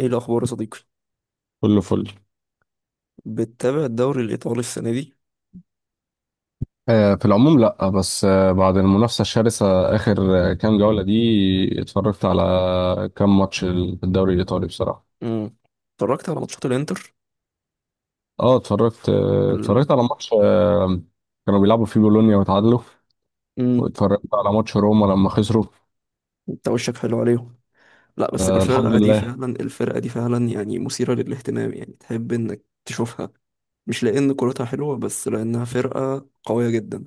ايه الاخبار يا صديقي؟ كله فل. بتتابع الدوري الايطالي السنه دي؟ في العموم لا، بس بعد المنافسة الشرسة آخر كام جولة دي اتفرجت على كام ماتش في الدوري الإيطالي بصراحة. امم. اتفرجت على ماتشات الانتر. اه، ال... اتفرجت على ماتش كانوا بيلعبوا فيه بولونيا وتعادلوا. امم. واتفرجت على ماتش روما لما خسروا. انت وشك حلو عليهم. لا، بس الحمد لله. الفرقه دي فعلا، يعني مثيره للاهتمام، يعني تحب انك تشوفها. مش لان كرتها حلوه، بس لانها فرقه قويه جدا.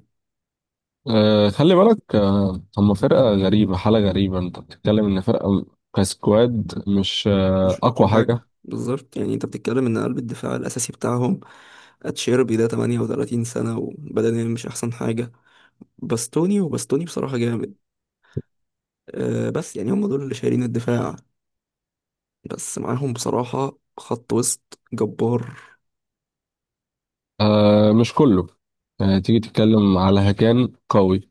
خلي بالك، هم فرقة غريبة، حالة غريبة. انت بتتكلم ان فرقة كسكواد مش مش أقوى أقوى حاجة. حاجة بالظبط، يعني أنت بتتكلم إن قلب الدفاع الأساسي بتاعهم أتشيربي ده 38 سنة وبدنيا مش أحسن حاجة. باستوني، وباستوني بصراحة جامد. أه، بس يعني هم دول اللي شايلين الدفاع، بس معاهم بصراحة خط وسط جبار. مش كله. تيجي تتكلم على هكان قوي.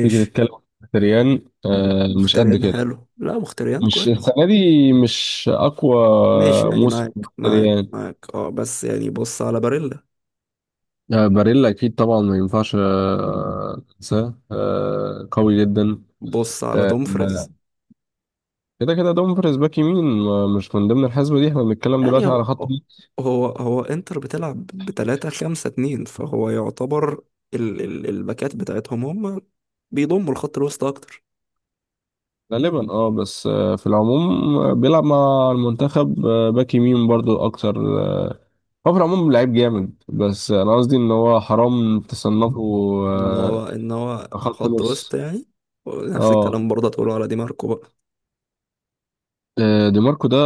تيجي نتكلم عن مختريان، مش قد مختريان كده. حلو، لا مختريان مش كويس. السنة دي، مش أقوى ماشي، يعني موسم معاك معاك مختريان. معاك، اه، بس يعني بص على باريلا. باريلا أكيد طبعا، ما ينفعش أنساه، قوي جدا. بص على آه، آه، دومفريز. كده كده دومفريز باك يمين، مش من ضمن الحسبة دي. احنا بنتكلم يعني دلوقتي هو، على خط الوسط هو انتر بتلعب بتلاتة خمسة اتنين، فهو يعتبر ال ال الباكات بتاعتهم هم بيضموا الخط الوسط اكتر. غالبا. اه، بس في العموم، بيلعب مع المنتخب باك يمين برضو أكتر. هو في العموم لعيب جامد، بس أنا قصدي إن هو حرام تصنفه. ان آه هو ان هو خط خط وسط، نص. يعني. ونفس اه. الكلام برضه تقوله على دي ماركو بقى. دي ماركو ده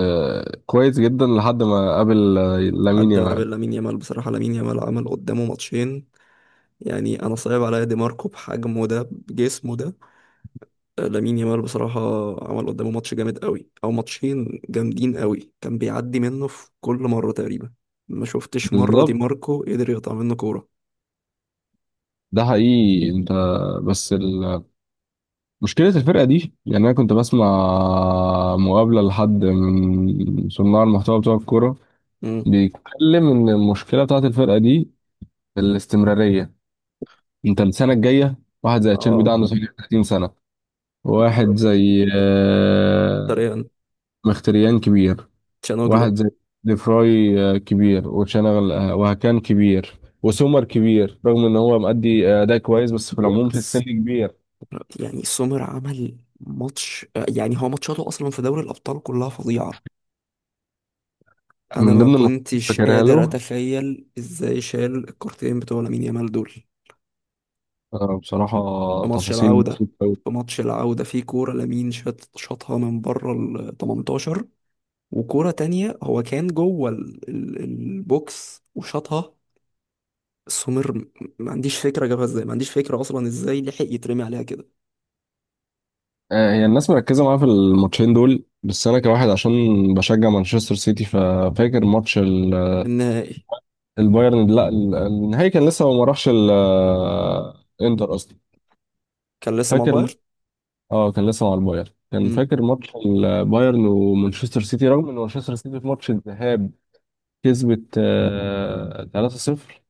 كويس جدا لحد ما قابل لامين حد ما يامال. بين لامين يامال، بصراحة لامين يامال عمل قدامه ماتشين، يعني انا صعب عليا دي ماركو بحجمه ده بجسمه ده. لامين يامال بصراحة عمل قدامه ماتش جامد قوي أو ماتشين جامدين قوي، كان بيعدي منه في كل مرة تقريبا. ما شفتش مرة دي بالظبط، ماركو قدر يقطع منه كورة. ده حقيقي انت. بس ال... مشكلة الفرقة دي، يعني انا كنت بسمع مقابلة لحد من صناع المحتوى بتوع الكورة، امم. بيتكلم ان المشكلة بتاعت الفرقة دي الاستمرارية. انت السنة الجاية، واحد زي تشيربي ده اه عنده 30 سنة، واحد بالظبط. زي طريقا. مختريان كبير، تشانوجلو. واحد زي ديفراي كبير، وشنغل وهكان كبير، وسومر كبير رغم ان هو مأدي اداء كويس، بس في العموم لا في السن س- كبير. يعني سومر عمل ماتش، يعني هو ماتشاته أصلا في دوري الأبطال كلها فظيعة. أنا من ما ضمن الماتشات اللي كنتش فاكرها قادر له أتخيل إزاي شال الكارتين بتوع لامين يامال دول بصراحة، في ماتش تفاصيل العودة. بسيطة أوي. في كورة لامين شاطها من بره ال 18. وكورة تانية هو كان جوه البوكس وشاطها. سمير م- ما عنديش فكرة جابها ازاي، ما عنديش فكرة أصلا ازاي لحق يترمي عليها كده. هي الناس مركزة معاه في الماتشين دول، بس أنا كواحد عشان بشجع مانشستر سيتي ففاكر النهائي البايرن. لا، النهائي كان لسه ما راحش الإنتر أصلا. كان لسه مع فاكر، البايرن. اه، كان لسه مع البايرن. كان مم. فاكر ماتش البايرن ومانشستر سيتي، رغم ان مانشستر سيتي في ماتش الذهاب كسبت 3-0.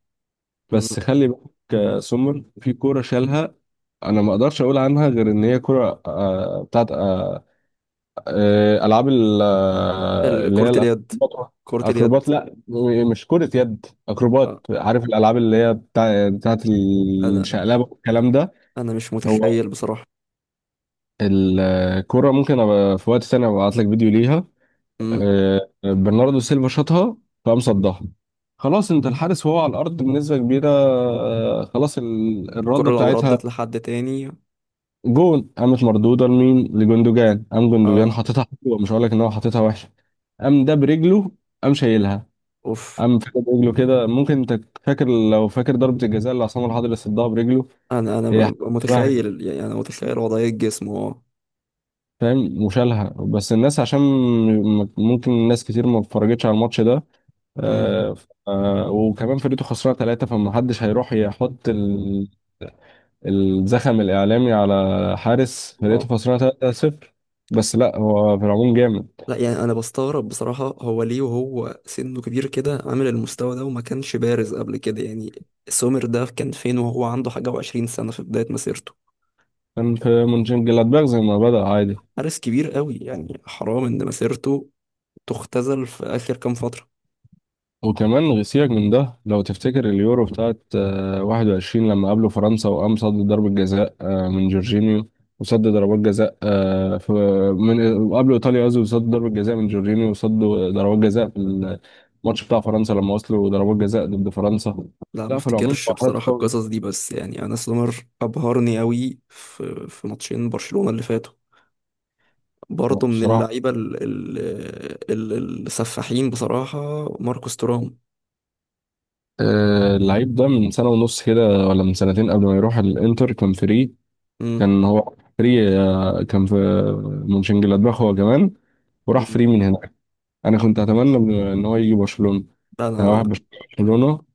مم. بس خلي بالك، سومر في كورة شالها. انا ما اقدرش اقول عنها غير ان هي كورة بتاعت العاب اللي هي كرة اليد. الاكروبات. كرة اليد. اكروبات، لا، مش كرة يد، اكروبات. آه. عارف الالعاب اللي هي بتاعت أنا الشقلبة والكلام ده. أنا مش هو متخيل بصراحة. الكرة، ممكن أبقى في وقت تاني أبعت لك فيديو ليها. مم. برناردو سيلفا شاطها، فقام صدها. خلاص، انت الحارس وهو على الارض بنسبه كبيره، خلاص الرده الكرة لو بتاعتها ردت لحد تاني. جون قامت مردوده لمين؟ لجوندوجان. قام جوندوجان اه. حاططها حلوه، مش هقول لك ان هو حاططها وحشه. قام ده برجله، قام شايلها، اوف. قام، فاكر برجله كده؟ ممكن انت فاكر، لو فاكر ضربه الجزاء اللي عصام الحضري صدها برجله. هي شبه- متخيل، يعني انا متخيل وضعية جسمه. اه. فاهم، وشالها. بس الناس عشان ممكن ناس كتير ما اتفرجتش على الماتش ده، امم. وكمان فرقته خسرانه ثلاثه، فمحدش هيروح يحط الزخم الاعلامي على حارس واو. فرقته خسرانه 3-0. بس لا، هو في العموم جامد. لا، يعني انا بستغرب بصراحة، هو ليه وهو سنه كبير كده عامل المستوى ده وما كانش بارز قبل كده؟ يعني سومر ده كان فين وهو عنده حاجة وعشرين سنة في بداية مسيرته؟ كان في مونشن جلادباخ زي ما بدأ عادي. حارس كبير قوي، يعني حرام ان مسيرته تختزل في اخر كام فترة. وكمان سيبك من ده، لو تفتكر اليورو بتاعت 21 لما قابلوا فرنسا، وقام صد ضربة جزاء من جورجينيو، وصد ضربات جزاء آه، في من وقابلوا ايطاليا قصدي، وصد ضربة جزاء من جورجينيو، وصد ضربات جزاء في الماتش بتاع فرنسا لما وصلوا ضربات جزاء ضد فرنسا. لا ما لا، في العموم افتكرش حركات بصراحة قوي. القصص دي، بس يعني انا سومر ابهرني قوي في ماتشين برشلونة اللي فاتوا. برضه من بصراحة، اللعيبة السفاحين بصراحة. ماركوس تورام. اللعيب ده من سنة ونص كده، ولا من سنتين قبل ما يروح الانتر كان فري. امم. كان هو فري، كان في مونشنجلادباخ هو كمان، وراح أمم. فري من هنا. انا كنت اتمنى ان هو يجي برشلونه. انا انا واحد برشلونه،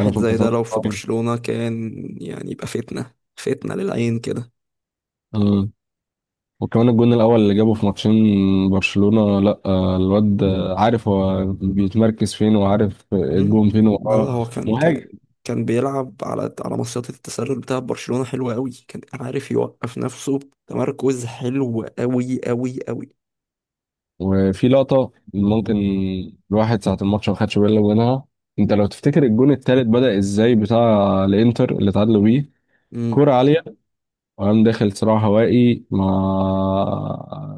انا كنت زي ده اتمنى إن لو في هو يجي. برشلونة كان، يعني يبقى فتنة فتنة للعين كده. آه. وكمان الجون الاول اللي جابه في ماتشين برشلونه، لا، الواد عارف هو بيتمركز فين وعارف مم. الجون فين، لا لا، وهو هو كان مهاجم. كان بيلعب على مصيدة التسلل بتاع برشلونة حلوة قوي، كان عارف يوقف نفسه. تمركز حلو قوي قوي قوي. وفي لقطه، ممكن الواحد ساعه الماتش ما خدش باله منها، انت لو تفتكر الجون التالت بدأ ازاي، بتاع الانتر اللي اتعادلوا بيه. مم. كرة عالية، وقام داخل صراع هوائي مع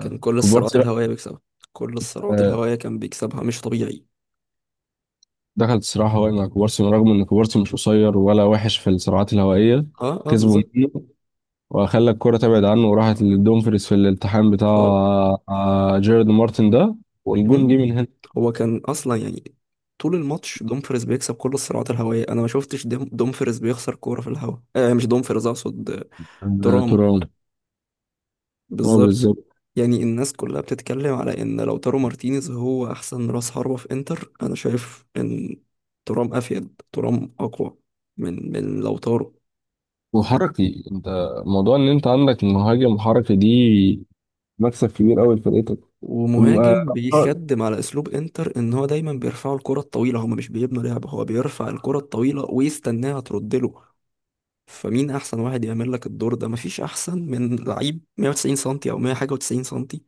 كان كل الصراعات كوبارسي. الهوائية بيكسبها. كل الصراعات آه، الهوائية كان بيكسبها، مش طبيعي. دخلت صراع هوائي مع كوبارسي، رغم ان كوبارسي مش قصير ولا وحش في الصراعات الهوائيه. اه اه كسبوا بالظبط. منه، وخلى الكره تبعد عنه، وراحت لدومفريز في الالتحام بتاع اه. جيرارد مارتن ده، والجون جه مم. من هنا. هو كان اصلا، يعني طول الماتش دومفريز بيكسب كل الصراعات الهوائيه، انا ما شفتش دومفريز بيخسر كوره في الهواء، آه مش دومفريز اقصد، ترام. ترام، هو بالظبط. بالظبط. يعني الناس كلها بتتكلم على ان لو تارو مارتينيز هو احسن راس حربة في انتر، انا شايف ان ترام افيد، ترام اقوى من لو تارو. وحركي، انت موضوع ان انت عندك مهاجم حركي دي، مكسب كبير قوي لفرقتك. ومهاجم القوة بيخدم على اسلوب انتر، ان هو دايما بيرفعوا الكره الطويله، هما مش بيبنوا لعب، هو بيرفع الكره الطويله ويستناها ترد له. فمين احسن واحد يعمل لك الدور ده؟ مفيش احسن من لعيب 190 سنتي او 100 حاجه و90 سنتي،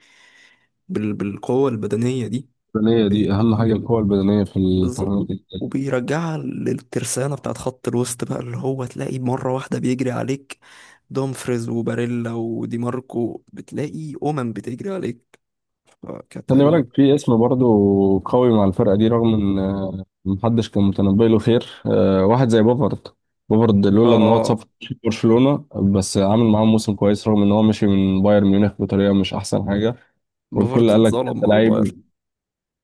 بالقوه البدنيه دي. البدنيه دي اهم حاجه، القوه البدنيه في بالظبط. التحامات. وبيرجعها للترسانه بتاعت خط الوسط بقى، اللي هو تلاقي مره واحده بيجري عليك دومفريز وباريلا ودي ماركو، بتلاقي بتجري عليك. آه، كانت خلي هجمه. بالك في اسم برضه قوي مع الفرقة دي، رغم ان محدش كان متنبي له خير، واحد زي بوفارد. بوفارد لولا ان هو اتصاب اه، في برشلونة، بس عامل معاهم موسم كويس، رغم ان هو مشي من بايرن ميونخ بطريقة مش احسن حاجة. بفرض والكل قال لك اتظلم ده مع البايرن. لعيب،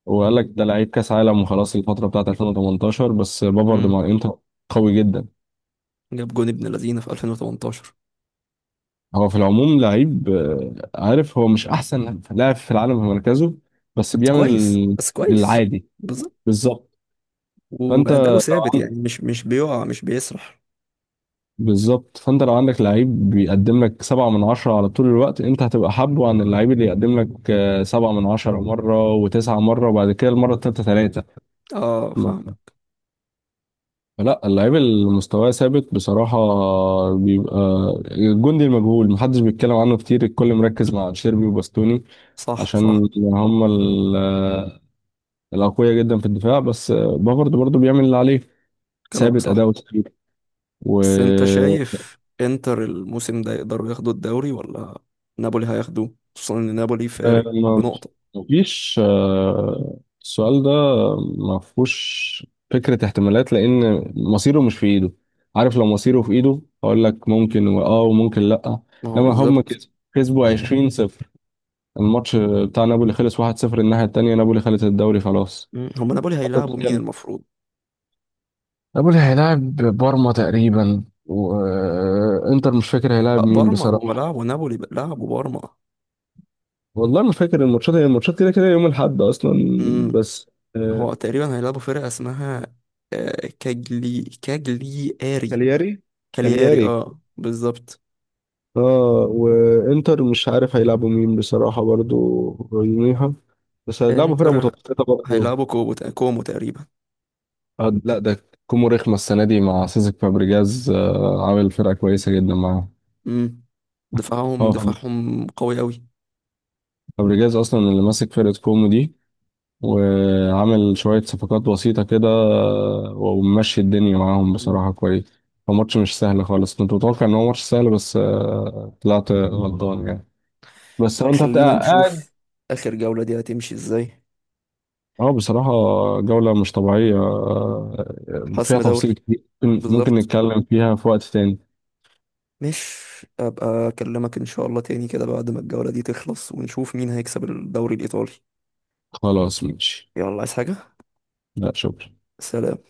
وقال لك ده لعيب كاس عالم، وخلاص الفترة بتاعت 2018، بس بوفارد مم. مع الانتر قوي جدا. جاب جون ابن لذينه في 2018. هو في العموم لعيب، عارف هو مش احسن لاعب في العالم في مركزه، بس بس كويس، بيعمل بس كويس، العادي. بالظبط. بالظبط. فانت وأداؤه ثابت، يعني مش بيقع مش بيسرح. فانت لو عندك لعيب بيقدم لك سبعة من عشرة على طول الوقت، انت هتبقى حابه عن اللعيب اللي يقدم لك سبعة من عشرة مرة، وتسعة مرة، وبعد كده المرة التالتة تلاتة. اه، ما- فاهمك. لا، اللعيب اللي مستواه ثابت بصراحة بيبقى الجندي المجهول، محدش بيتكلم عنه كتير، الكل مركز مع شيربي وباستوني، صح عشان صح. هم الأقوياء جدا في الدفاع، بس بافارد برضه بيعمل اللي عليه، كلامك ثابت صح. أداؤه كتير. بس انت شايف انتر الموسم ده يقدروا ياخدوا الدوري، ولا نابولي هياخدوه، خصوصا ان نابولي فارق ما بنقطة؟ فيش، السؤال ده ما فيهوش فكرة احتمالات، لأن مصيره مش في إيده. عارف، لو مصيره في إيده أقول لك ممكن، وممكن لأ. ما هو إنما هم بالظبط. كسبوا، 20 صفر، الماتش بتاع نابولي خلص 1-0. الناحية التانية، نابولي خلص الدوري خلاص. مم. هما نابولي حتى هيلعبوا مين بتتكلم، المفروض؟ نابولي هيلاعب بارما تقريبا، وإنتر مش فاكر هيلاعب لا مين بارما، هما بصراحة. لعبوا نابولي، لعبوا بارما. والله ما فاكر الماتشات، هي الماتشات كده كده يوم الأحد أصلا. امم. بس آه، هو تقريبا هيلعبوا فرقة اسمها، كاجلي اري. كالياري، كالياري، كالياري، اه بالظبط. اه وانتر مش عارف هيلعبوا مين بصراحة برضو يوميها، بس هيلعبوا فرقة انتر متوسطة برضو. هيلعبوا كوبو كومو تقريبا. لا، ده كومو رخمة السنة دي مع سيسك فابريجاز، عامل فرقة كويسة جدا معاه. مم. دفاعهم هو دفاعهم قوي أوي. فابريجاز أصلا اللي ماسك فرقة كومو دي، وعامل شوية صفقات بسيطة كده، وممشي الدنيا معاهم مم. بصراحة كويس. هو ماتش مش سهل خالص، كنت متوقع إن هو ماتش سهل، بس طلعت غلطان يعني. بس هو أنت وخلينا بتبقى، نشوف آخر جولة دي هتمشي ازاي. اه، بصراحة جولة مش طبيعية، حسم فيها دوري، تفاصيل كتير، ممكن بالظبط. نتكلم فيها في وقت تاني. مش أبقى أكلمك إن شاء الله تاني كده بعد ما الجولة دي تخلص، ونشوف مين هيكسب الدوري الإيطالي. خلاص، ماشي. يلا، عايز حاجة؟ لا، شكرا. سلام.